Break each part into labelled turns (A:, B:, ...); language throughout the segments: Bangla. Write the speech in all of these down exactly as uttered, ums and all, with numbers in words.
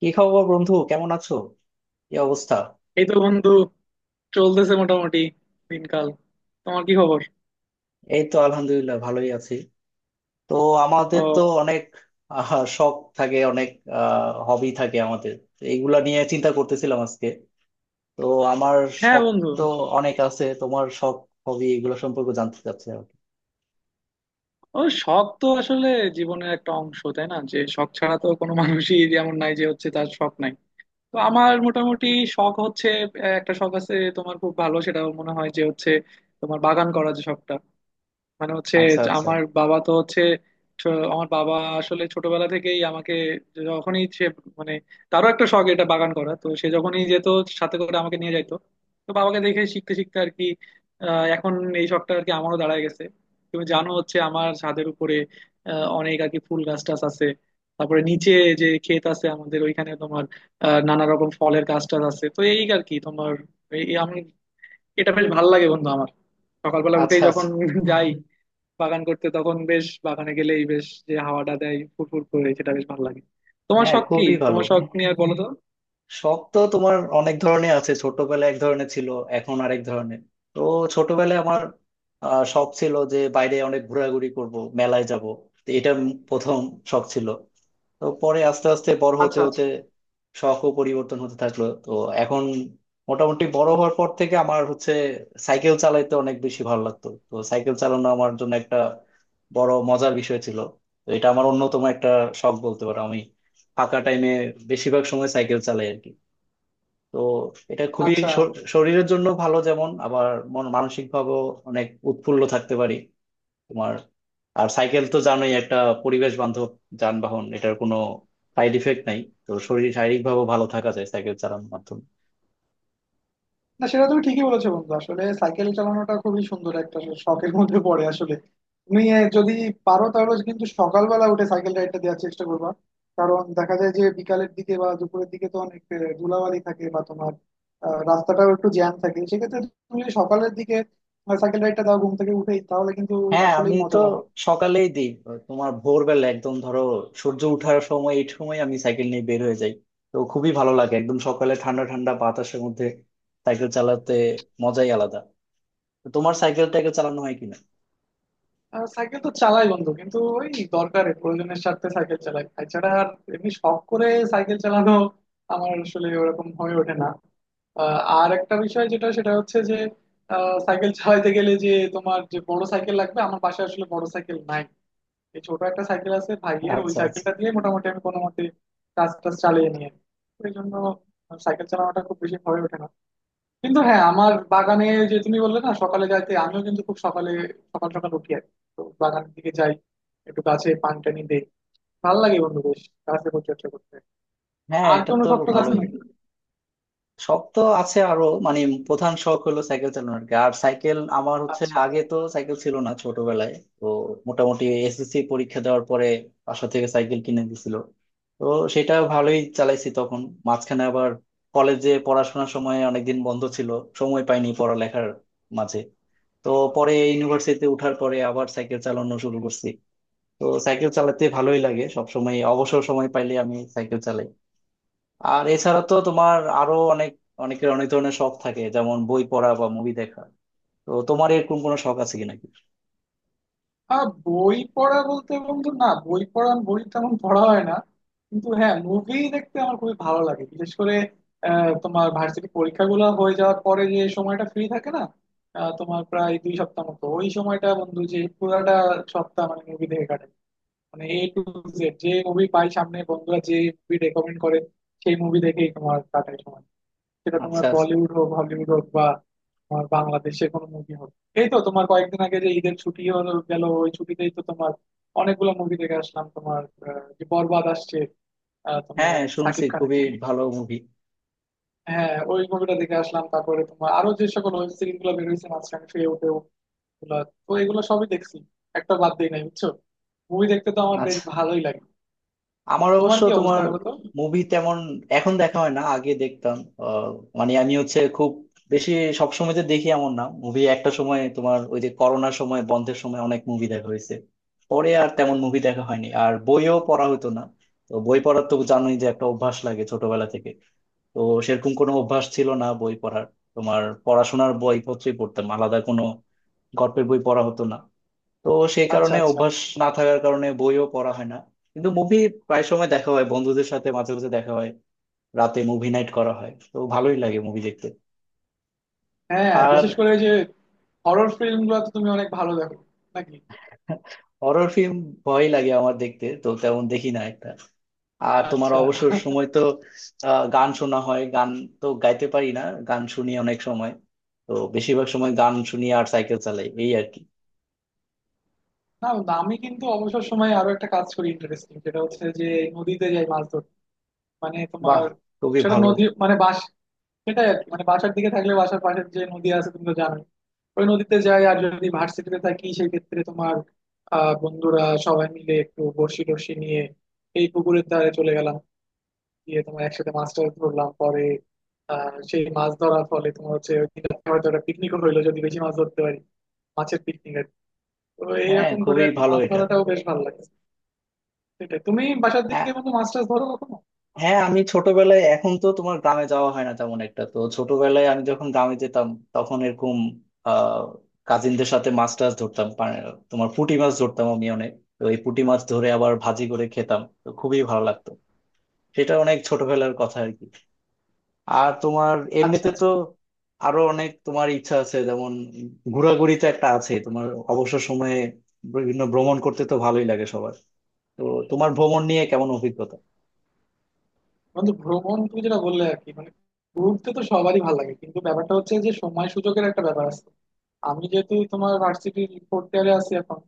A: কি খবর বন্ধু কেমন আছো? কি অবস্থা?
B: এই তো বন্ধু, চলতেছে মোটামুটি দিনকাল। তোমার কি খবর?
A: এই তো আলহামদুলিল্লাহ ভালোই আছি। তো
B: ও,
A: আমাদের তো অনেক আহ, শখ থাকে, অনেক হবি থাকে আমাদের, তো এইগুলা নিয়ে চিন্তা করতেছিলাম আজকে। তো আমার
B: হ্যাঁ
A: শখ
B: বন্ধু।
A: তো অনেক আছে, তোমার শখ হবি এগুলো সম্পর্কে জানতে চাচ্ছি আর কি।
B: ও, শখ তো আসলে জীবনের একটা অংশ, তাই না? যে শখ ছাড়া তো কোনো মানুষই যেমন নাই, যে হচ্ছে তার শখ নাই। তো আমার মোটামুটি শখ হচ্ছে, আহ, একটা শখ আছে তোমার খুব ভালো, সেটা মনে হয় যে হচ্ছে তোমার বাগান করা যে শখটা, মানে হচ্ছে
A: আচ্ছা
B: যে
A: আচ্ছা।
B: আমার বাবা তো হচ্ছে, ছ- আমার বাবা আসলে ছোটবেলা থেকেই আমাকে যখনই সে, মানে তারও একটা শখ এটা বাগান করা, তো সে যখনই যেত সাথে করে আমাকে নিয়ে যাইতো। তো বাবাকে দেখে শিখতে শিখতে আর কি আহ, এখন এই শখটা আর কি আমারও দাঁড়ায় গেছে। তুমি জানো হচ্ছে আমার ছাদের উপরে আহ, অনেক আর কি ফুল গাছ টাছ আছে, তারপরে নিচে যে ক্ষেত আছে আমাদের ওইখানে তোমার আহ, নানা রকম ফলের গাছ টাছ আছে। তো এই আর কি তোমার, এই আমি, এটা বেশ ভালো লাগে বন্ধু আমার। সকালবেলা উঠেই
A: আচ্ছা আচ্ছা।
B: যখন যাই বাগান করতে, তখন বেশ, বাগানে গেলেই বেশ যে হাওয়াটা দেয় ফুরফুর করে, সেটা বেশ ভালো লাগে। তোমার
A: হ্যাঁ
B: শখ কি,
A: খুবই ভালো।
B: তোমার শখ নিয়ে আর বলো তো।
A: শখ তো তোমার অনেক ধরনের আছে, ছোটবেলায় এক ধরনের ছিল, এখন আরেক ধরনের। তো ছোটবেলায় আমার আহ, শখ ছিল যে বাইরে অনেক ঘোরাঘুরি করব, মেলায় যাব। এটা প্রথম শখ ছিল। তো পরে আস্তে আস্তে বড় হতে
B: আচ্ছা
A: হতে
B: আচ্ছা।
A: শখও পরিবর্তন হতে থাকলো। তো এখন মোটামুটি বড় হওয়ার পর থেকে আমার হচ্ছে সাইকেল চালাইতে অনেক বেশি ভালো লাগতো। তো সাইকেল চালানো আমার জন্য একটা বড় মজার বিষয় ছিল। তো এটা আমার অন্যতম একটা শখ বলতে পারো। আমি ফাঁকা টাইমে বেশিরভাগ সময় সাইকেল চালাই আর কি। তো এটা খুবই
B: আচ্ছা।
A: শর- শরীরের জন্য ভালো, যেমন আবার মন মানসিক ভাবেও অনেক উৎফুল্ল থাকতে পারি তোমার। আর সাইকেল তো জানোই একটা পরিবেশ বান্ধব যানবাহন, এটার কোনো সাইড ইফেক্ট নাই। তো শরীর শারীরিক ভাবেও ভালো থাকা যায় সাইকেল চালানোর মাধ্যমে।
B: না, সেটা তুমি ঠিকই বলেছো বন্ধু, আসলে সাইকেল চালানোটা খুবই সুন্দর একটা শখের মধ্যে পড়ে। আসলে তুমি আহ, যদি পারো, তাহলে কিন্তু সকালবেলা উঠে সাইকেল রাইডটা দেওয়ার চেষ্টা করবা। কারণ দেখা যায় যে বিকালের দিকে বা দুপুরের দিকে তো অনেক আহ, ধুলাবালি থাকে, বা তোমার আহ, রাস্তাটাও একটু জ্যাম থাকে। সেক্ষেত্রে তুমি যদি সকালের দিকে সাইকেল রাইডটা দাও ঘুম থেকে উঠেই, তাহলে কিন্তু
A: হ্যাঁ
B: আসলেই
A: আমি তো
B: মজা পাবা।
A: সকালেই দিই। তোমার ভোরবেলা একদম ধরো সূর্য ওঠার সময়, এই সময় আমি সাইকেল নিয়ে বের হয়ে যাই। তো খুবই ভালো লাগে একদম সকালে ঠান্ডা ঠান্ডা বাতাসের মধ্যে সাইকেল চালাতে, মজাই আলাদা। তো তোমার সাইকেল টাইকেল চালানো হয় কিনা?
B: আহ সাইকেল তো চালাই বন্ধু, কিন্তু ওই দরকারে প্রয়োজনের স্বার্থে সাইকেল চালাই, এছাড়া আর এমনি শখ করে সাইকেল চালানো আমার আসলে ওরকম হয়ে ওঠে না। আহ, আর একটা বিষয় যেটা, সেটা হচ্ছে যে আহ, সাইকেল চালাইতে গেলে যে তোমার যে বড় সাইকেল লাগবে, আমার বাসায় আসলে বড় সাইকেল নাই। এই ছোট একটা সাইকেল আছে ভাইয়ের, ওই
A: আচ্ছা আচ্ছা।
B: সাইকেলটা দিয়ে মোটামুটি আমি কোনো মতে কাজ টাজ চালিয়ে নিয়ে, এই জন্য সাইকেল চালানোটা খুব বেশি হয়ে ওঠে না। কিন্তু হ্যাঁ, আমার বাগানে ওই যে তুমি বললে না সকালে যাইতে, আমিও কিন্তু খুব সকালে সকাল সকাল উঠি আর কি। তো বাগানের দিকে যাই, একটু গাছে পানি টানি দেই। ভালো লাগে বন্ধু বেশ গাছে পরিচর্যা করতে।
A: হ্যাঁ
B: আর
A: এটা
B: কোনো
A: তো
B: শক্ত গাছ
A: ভালোই।
B: নাকি?
A: শখ তো আছে আরো, মানে প্রধান শখ হলো সাইকেল চালানো আর কি। আর সাইকেল আমার হচ্ছে,
B: আচ্ছা।
A: আগে তো সাইকেল ছিল না ছোটবেলায়। তো মোটামুটি এসএসসি পরীক্ষা দেওয়ার পরে বাসা থেকে সাইকেল কিনে দিছিল। তো সেটা ভালোই চালাইছি তখন। মাঝখানে আবার কলেজে পড়াশোনার সময় অনেকদিন বন্ধ ছিল, সময় পাইনি পড়ালেখার মাঝে। তো পরে ইউনিভার্সিটিতে উঠার পরে আবার সাইকেল চালানো শুরু করছি। তো সাইকেল চালাতে ভালোই লাগে, সব সময় অবসর সময় পাইলে আমি সাইকেল চালাই। আর এছাড়া তো তোমার আরো অনেক, অনেকের অনেক ধরনের শখ থাকে, যেমন বই পড়া বা মুভি দেখা। তো তোমার এরকম কোনো শখ আছে কি নাকি?
B: আহ বই পড়া বলতে বন্ধু, না বই পড়া, বই তেমন পড়া হয় না। কিন্তু হ্যাঁ, মুভি দেখতে আমার খুবই ভালো লাগে। বিশেষ করে আহ, তোমার ভার্সিটি পরীক্ষাগুলো হয়ে যাওয়ার পরে যে সময়টা ফ্রি থাকে না, আহ, তোমার প্রায় দুই সপ্তাহ মতো, ওই সময়টা বন্ধু যে পুরাটা সপ্তাহ মানে মুভি দেখে কাটে। মানে এ টু জেড যে মুভি পাই সামনে, বন্ধুরা যে মুভি রেকমেন্ড করে, সেই মুভি দেখেই তোমার কাটাই সময়। সেটা তোমার
A: আচ্ছা আচ্ছা।
B: বলিউড হোক, হলিউড হোক, বা তোমার বাংলাদেশের কোনো মুভি হোক। এই তো তোমার কয়েকদিন আগে যে ঈদের ছুটি হলো গেল, ওই ছুটিতেই তো তোমার অনেকগুলো মুভি দেখে আসলাম। তোমার আহ, যে বরবাদ আসছে, আহ, তোমার
A: হ্যাঁ শুনছি
B: সাকিব খানের,
A: খুবই ভালো মুভি।
B: হ্যাঁ ওই মুভিটা দেখে আসলাম। তারপরে তোমার আরো যে সকল ওয়েব সিরিজ গুলো বেরোয়েছে মাঝখানে শুয়ে উঠে ওগুলা, তো এগুলো সবই দেখছি, একটা বাদ দিই নাই বুঝছো। মুভি দেখতে তো আমার বেশ
A: আচ্ছা।
B: ভালোই লাগে।
A: আমার
B: তোমার
A: অবশ্য
B: কি অবস্থা
A: তোমার
B: বলো তো।
A: মুভি তেমন এখন দেখা হয় না, আগে দেখতাম। আহ, মানে আমি হচ্ছে খুব বেশি সবসময় যে দেখি এমন না মুভি। একটা সময় তোমার ওই যে করোনার সময় বন্ধের সময় অনেক মুভি দেখা হয়েছে, পরে আর তেমন মুভি দেখা হয়নি, আর বইও পড়া হতো না। তো বই পড়ার তো জানোই যে একটা অভ্যাস লাগে ছোটবেলা থেকে। তো সেরকম কোনো অভ্যাস ছিল না বই পড়ার। তোমার পড়াশোনার বইপত্রই পড়তাম, আলাদা কোনো গল্পের বই পড়া হতো না। তো সেই
B: আচ্ছা
A: কারণে
B: আচ্ছা।
A: অভ্যাস না থাকার কারণে বইও পড়া হয় না। কিন্তু মুভি প্রায় সময় দেখা হয়, বন্ধুদের সাথে মাঝে মাঝে দেখা হয়, রাতে মুভি নাইট করা হয়। তো ভালোই লাগে মুভি দেখতে।
B: হ্যাঁ হ্যাঁ,
A: আর
B: বিশেষ করে যে হরর ফিল্ম গুলো তো তুমি অনেক ভালো দেখো নাকি?
A: হরর ফিল্ম ভয় লাগে আমার দেখতে, তো তেমন দেখি না একটা। আর তোমার
B: আচ্ছা।
A: অবসর সময় তো আহ, গান শোনা হয়, গান। তো গাইতে পারি না, গান শুনি অনেক সময়। তো বেশিরভাগ সময় গান শুনি আর সাইকেল চালাই, এই আর কি।
B: না না, আমি কিন্তু অবসর সময়ে আরো একটা কাজ করি ইন্টারেস্টিং, সেটা হচ্ছে যে নদীতে যাই মাছ ধরতে। মানে
A: বাহ,
B: তোমার
A: খুবই
B: সেটা
A: ভালো।
B: নদী মানে বাস, সেটাই আর কি, মানে বাসার দিকে থাকলে বাসার পাশে যে নদী আছে তুমি তো জানোই, ওই নদীতে যাই। আর যদি ভার্সিটিতে থাকি সেই ক্ষেত্রে তোমার আহ বন্ধুরা সবাই মিলে একটু বড়শি টড়শি নিয়ে এই পুকুরের ধারে চলে গেলাম, গিয়ে তোমার একসাথে মাছ টাছ ধরলাম। পরে আহ সেই মাছ ধরার ফলে তোমার হচ্ছে ওই দিন রাত্রে হয়তো একটা পিকনিকও হইলো, যদি বেশি মাছ ধরতে পারি, মাছের পিকনিক আর কি। তো
A: হ্যাঁ
B: এইরকম করে
A: খুবই
B: আর কি
A: ভালো
B: মাছ
A: এটা।
B: ধরাটাও বেশ ভালো লাগে। সেটাই তুমি বাসার
A: হ্যাঁ।
B: দিকে বন্ধু মাছ টাছ ধরো কখনো?
A: হ্যাঁ আমি ছোটবেলায়, এখন তো তোমার গ্রামে যাওয়া হয় না তেমন একটা, তো ছোটবেলায় আমি যখন গ্রামে যেতাম তখন এরকম আহ কাজিনদের সাথে মাছ টাছ ধরতাম। পা- তোমার পুঁটি মাছ ধরতাম আমি অনেক। তো এই পুঁটি মাছ ধরে আবার ভাজি করে খেতাম, তো খুবই ভালো লাগতো। সেটা অনেক ছোটবেলার কথা আর কি। আর তোমার
B: আচ্ছা
A: এমনিতে তো
B: আচ্ছা।
A: আরো অনেক তোমার ইচ্ছা আছে, যেমন ঘোরাঘুরি তো একটা আছে তোমার অবসর সময়ে। বিভিন্ন ভ্রমণ করতে তো ভালোই লাগে সবার। তো তোমার ভ্রমণ নিয়ে কেমন অভিজ্ঞতা?
B: বন্ধু ভ্রমণ তুমি যেটা বললে আর কি, মানে ঘুরতে তো সবারই ভালো লাগে, কিন্তু ব্যাপারটা হচ্ছে যে সময় সুযোগের একটা ব্যাপার আছে। আমি যেহেতু তোমার ভার্সিটির ফোর্থ ইয়ারে আছি এখন,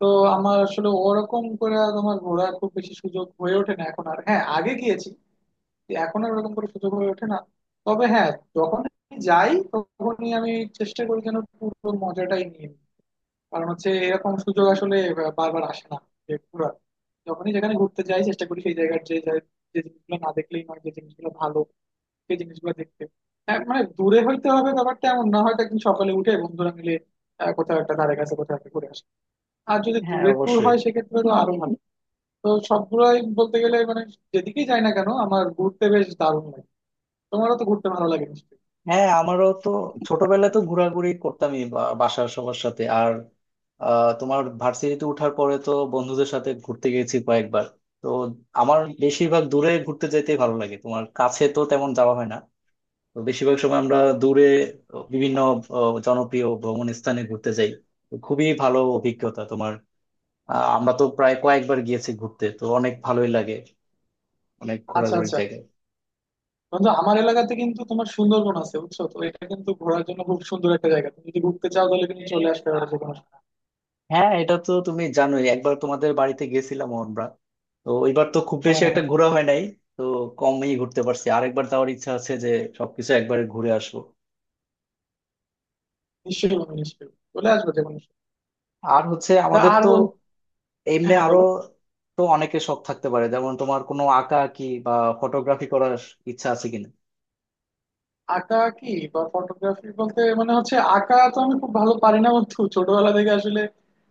B: তো আমার আসলে ওরকম করে তোমার ঘোরার খুব বেশি সুযোগ হয়ে ওঠে না এখন আর। হ্যাঁ আগে গিয়েছি, এখন আর ওরকম করে সুযোগ হয়ে ওঠে না। তবে হ্যাঁ, যখন যাই তখনই আমি চেষ্টা করি যেন পুরো মজাটাই নিয়ে নিই। কারণ হচ্ছে এরকম সুযোগ আসলে বারবার আসে না। যে পুরো যখনই যেখানে ঘুরতে যাই চেষ্টা করি সেই জায়গার যে জায়- যে জিনিসগুলো না দেখলেই নয়, যে জিনিসগুলো ভালো সেই জিনিসগুলো দেখতে। হ্যাঁ মানে দূরে হইতে হবে ব্যাপারটা এমন না, হয়তো একদিন সকালে উঠে বন্ধুরা মিলে আহ, কোথাও একটা ধারে কাছে কোথাও একটা ঘুরে আসে। আর যদি
A: হ্যাঁ
B: দূরের ট্যুর
A: অবশ্যই।
B: হয় সেক্ষেত্রে তো আরো ভালো। তো সবগুলোই বলতে গেলে মানে যেদিকেই যাই না কেন আমার ঘুরতে বেশ দারুণ লাগে। তোমারও তো ঘুরতে ভালো লাগে নিশ্চয়ই।
A: হ্যাঁ আমারও তো ছোটবেলায় তো ঘোরাঘুরি করতামই বা- বাসার সবার সাথে। আর আহ, তোমার ভার্সিটিতে ওঠার পরে তো বন্ধুদের সাথে ঘুরতে গেছি কয়েকবার। তো আমার বেশিরভাগ দূরে ঘুরতে যেতে ভালো লাগে, তোমার কাছে তো তেমন যাওয়া হয় না। তো বেশিরভাগ সময় আমরা দূরে বিভিন্ন আহ, জনপ্রিয় ভ্রমণ স্থানে ঘুরতে যাই। তো খুবই ভালো অভিজ্ঞতা তোমার। আহ, আমরা তো প্রায় কয়েকবার গিয়েছি ঘুরতে, তো অনেক ভালোই লাগে, অনেক
B: আচ্ছা
A: ঘোরাঘুরির
B: আচ্ছা।
A: জায়গা।
B: বন্ধু আমার এলাকাতে কিন্তু তোমার সুন্দরবন আছে বুঝছো তো, এটা কিন্তু ঘোরার জন্য খুব সুন্দর একটা জায়গা, তুমি যদি ঘুরতে চাও তাহলে কিন্তু চলে আসতে পারো যে কোনো সময়।
A: হ্যাঁ এটা তো তুমি জানোই, একবার তোমাদের বাড়িতে গেছিলাম আমরা। তো এবার তো খুব
B: হ্যাঁ
A: বেশি একটা
B: হ্যাঁ।
A: ঘোরা হয় নাই, তো কমই ঘুরতে পারছি। আর একবার যাওয়ার ইচ্ছা আছে যে সবকিছু একবারে ঘুরে আসবো।
B: নিশ্চয়ই বন্ধু, নিশ্চয়ই চলে আসবে যে কোনো সময়।
A: আর হচ্ছে
B: তা
A: আমাদের
B: আর
A: তো
B: বল। হ্যাঁ
A: এমনি
B: হ্যাঁ,
A: আরো,
B: বলো।
A: তো অনেকে শখ থাকতে পারে, যেমন তোমার কোনো আঁকা আঁকি বা ফটোগ্রাফি করার ইচ্ছা আছে কিনা?
B: আঁকা কি বা ফটোগ্রাফি বলতে মানে হচ্ছে, আঁকা তো আমি খুব ভালো পারি না বন্ধু। ছোটবেলা থেকে আসলে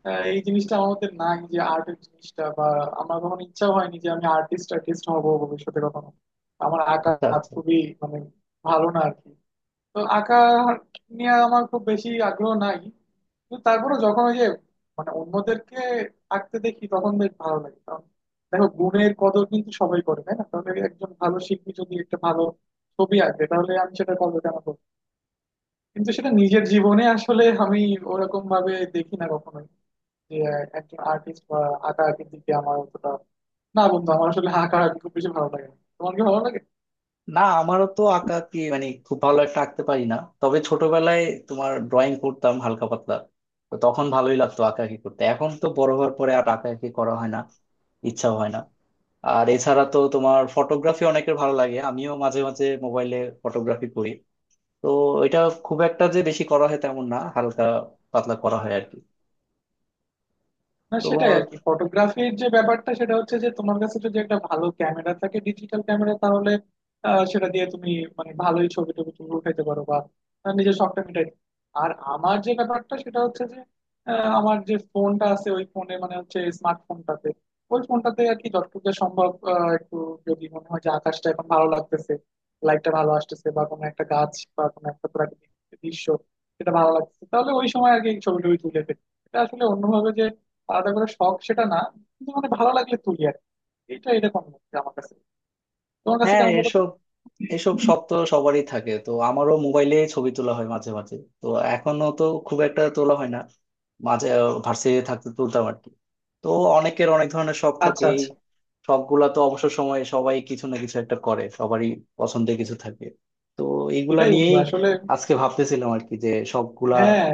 B: আহ, এই জিনিসটা আমার মধ্যে নাই যে আর্টের জিনিসটা, বা আমার কখনো ইচ্ছা হয়নি যে আমি আর্টিস্ট আর্টিস্ট হবো ভবিষ্যতে কখনো। আমার আঁকা
A: আচ্ছা
B: হাত
A: আচ্ছা।
B: খুবই মানে ভালো না আর কি। তো আঁকা নিয়ে আমার খুব বেশি আগ্রহ নাই। কিন্তু তারপরে যখন ওই যে, মানে অন্যদেরকে আঁকতে দেখি তখন বেশ ভালো লাগে। কারণ দেখো গুণের কদর কিন্তু সবাই করে, তাই না? তাহলে একজন ভালো শিল্পী যদি একটা ভালো ছবি আঁকে তাহলে আমি সেটা করবো, কেন করবো? কিন্তু সেটা নিজের জীবনে আসলে আমি ওরকম ভাবে দেখি না কখনোই, যে আহ, একজন আর্টিস্ট বা আঁকা আঁকির দিকে আমার অতটা, না বন্ধু আমার আসলে আঁকা আঁকি খুব বেশি ভালো লাগে না। তোমার কি ভালো লাগে?
A: না আমারও তো আঁকা আঁকি মানে খুব ভালো একটা আঁকতে পারি না। তবে ছোটবেলায় তোমার ড্রয়িং করতাম হালকা পাতলা। তো তখন ভালোই লাগতো আঁকাআঁকি করতে, এখন তো বড় হওয়ার পরে আর আঁকাআঁকি করা হয় না, ইচ্ছাও হয় না। আর এছাড়া তো তোমার ফটোগ্রাফি অনেকের ভালো লাগে, আমিও মাঝে মাঝে মোবাইলে ফটোগ্রাফি করি। তো এটা খুব একটা যে বেশি করা হয় তেমন না, হালকা পাতলা করা হয় আর কি।
B: না,
A: তো
B: সেটাই আর কি ফটোগ্রাফির যে ব্যাপারটা, সেটা হচ্ছে যে তোমার কাছে যদি একটা ভালো ক্যামেরা থাকে, ডিজিটাল ক্যামেরা, তাহলে আহ, সেটা দিয়ে তুমি মানে ভালোই ছবি টবি তুমি উঠাইতে পারো, বা আহ, নিজের শখটা মিটাই। আর আমার যে ব্যাপারটা সেটা হচ্ছে যে আহ, আমার যে ফোনটা আছে ওই ফোনে, মানে হচ্ছে স্মার্টফোনটাতে, ওই ফোনটাতে আর কি যতটুকু যা সম্ভব আহ, একটু যদি মনে হয় যে আকাশটা এখন ভালো লাগতেছে, লাইটটা ভালো আসতেছে, বা কোনো একটা গাছ বা কোনো একটা প্রাকৃতিক দৃশ্য সেটা ভালো লাগতেছে, তাহলে ওই সময় আর কি ছবি টবি তুলে ফেলি। এটা আসলে অন্যভাবে আলাদা করে শখ সেটা না, কিন্তু মানে ভালো লাগলে তুলি আর কি। এটা এরকম হচ্ছে আমার কাছে। তোমার কাছে
A: হ্যাঁ
B: কেমন বলো তো।
A: এসব এসব শখ তো সবারই থাকে। তো আমারও মোবাইলে ছবি তোলা হয় মাঝে মাঝে। তো এখনো তো খুব একটা তোলা হয় না, মাঝে ভার্সিটিতে থাকতে তুলতাম আর কি। তো অনেকের অনেক ধরনের শখ থাকে,
B: আচ্ছা
A: এই
B: আচ্ছা।
A: শখ গুলা তো অবসর সময়ে সবাই কিছু না কিছু একটা করে, সবারই পছন্দের কিছু থাকে। তো এইগুলা
B: এটাই বন্ধু
A: নিয়েই
B: আসলে।
A: আজকে ভাবতেছিলাম আর কি যে শখ গুলা।
B: হ্যাঁ,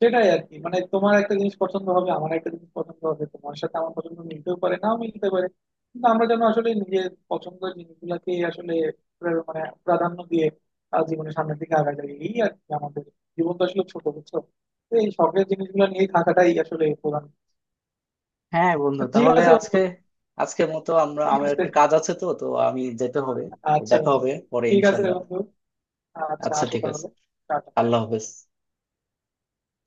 B: সেটাই আর কি, মানে তোমার একটা জিনিস পছন্দ হবে, আমার একটা জিনিস পছন্দ হবে, তোমার সাথে আমার পছন্দ মিলতেও পারে, নাও মিলতে পারে। কিন্তু আমরা যেন আসলে নিজের পছন্দের জিনিসগুলাকে আসলে প্রা- মানে প্রাধান্য দিয়ে আহ, জীবনের সামনের দিকে আগায় যাই এই আর কি। আমাদের জীবন তো আসলে ছোট বুঝছো, তো এই শখের জিনিসগুলো নিয়েই থাকাটাই আসলে প্রধান।
A: হ্যাঁ
B: তো
A: বন্ধু
B: ঠিক
A: তাহলে
B: আছে বন্ধু।
A: আজকে, আজকের মতো আমরা,
B: ঠিক
A: আমার
B: আছে।
A: একটু কাজ আছে তো, তো আমি যেতে হবে। তো
B: আচ্ছা
A: দেখা
B: বন্ধু।
A: হবে পরে
B: ঠিক আছে
A: ইনশাল্লাহ।
B: বন্ধু। আচ্ছা
A: আচ্ছা
B: আসো
A: ঠিক আছে।
B: তাহলে। টাটা।
A: আল্লাহ হাফেজ।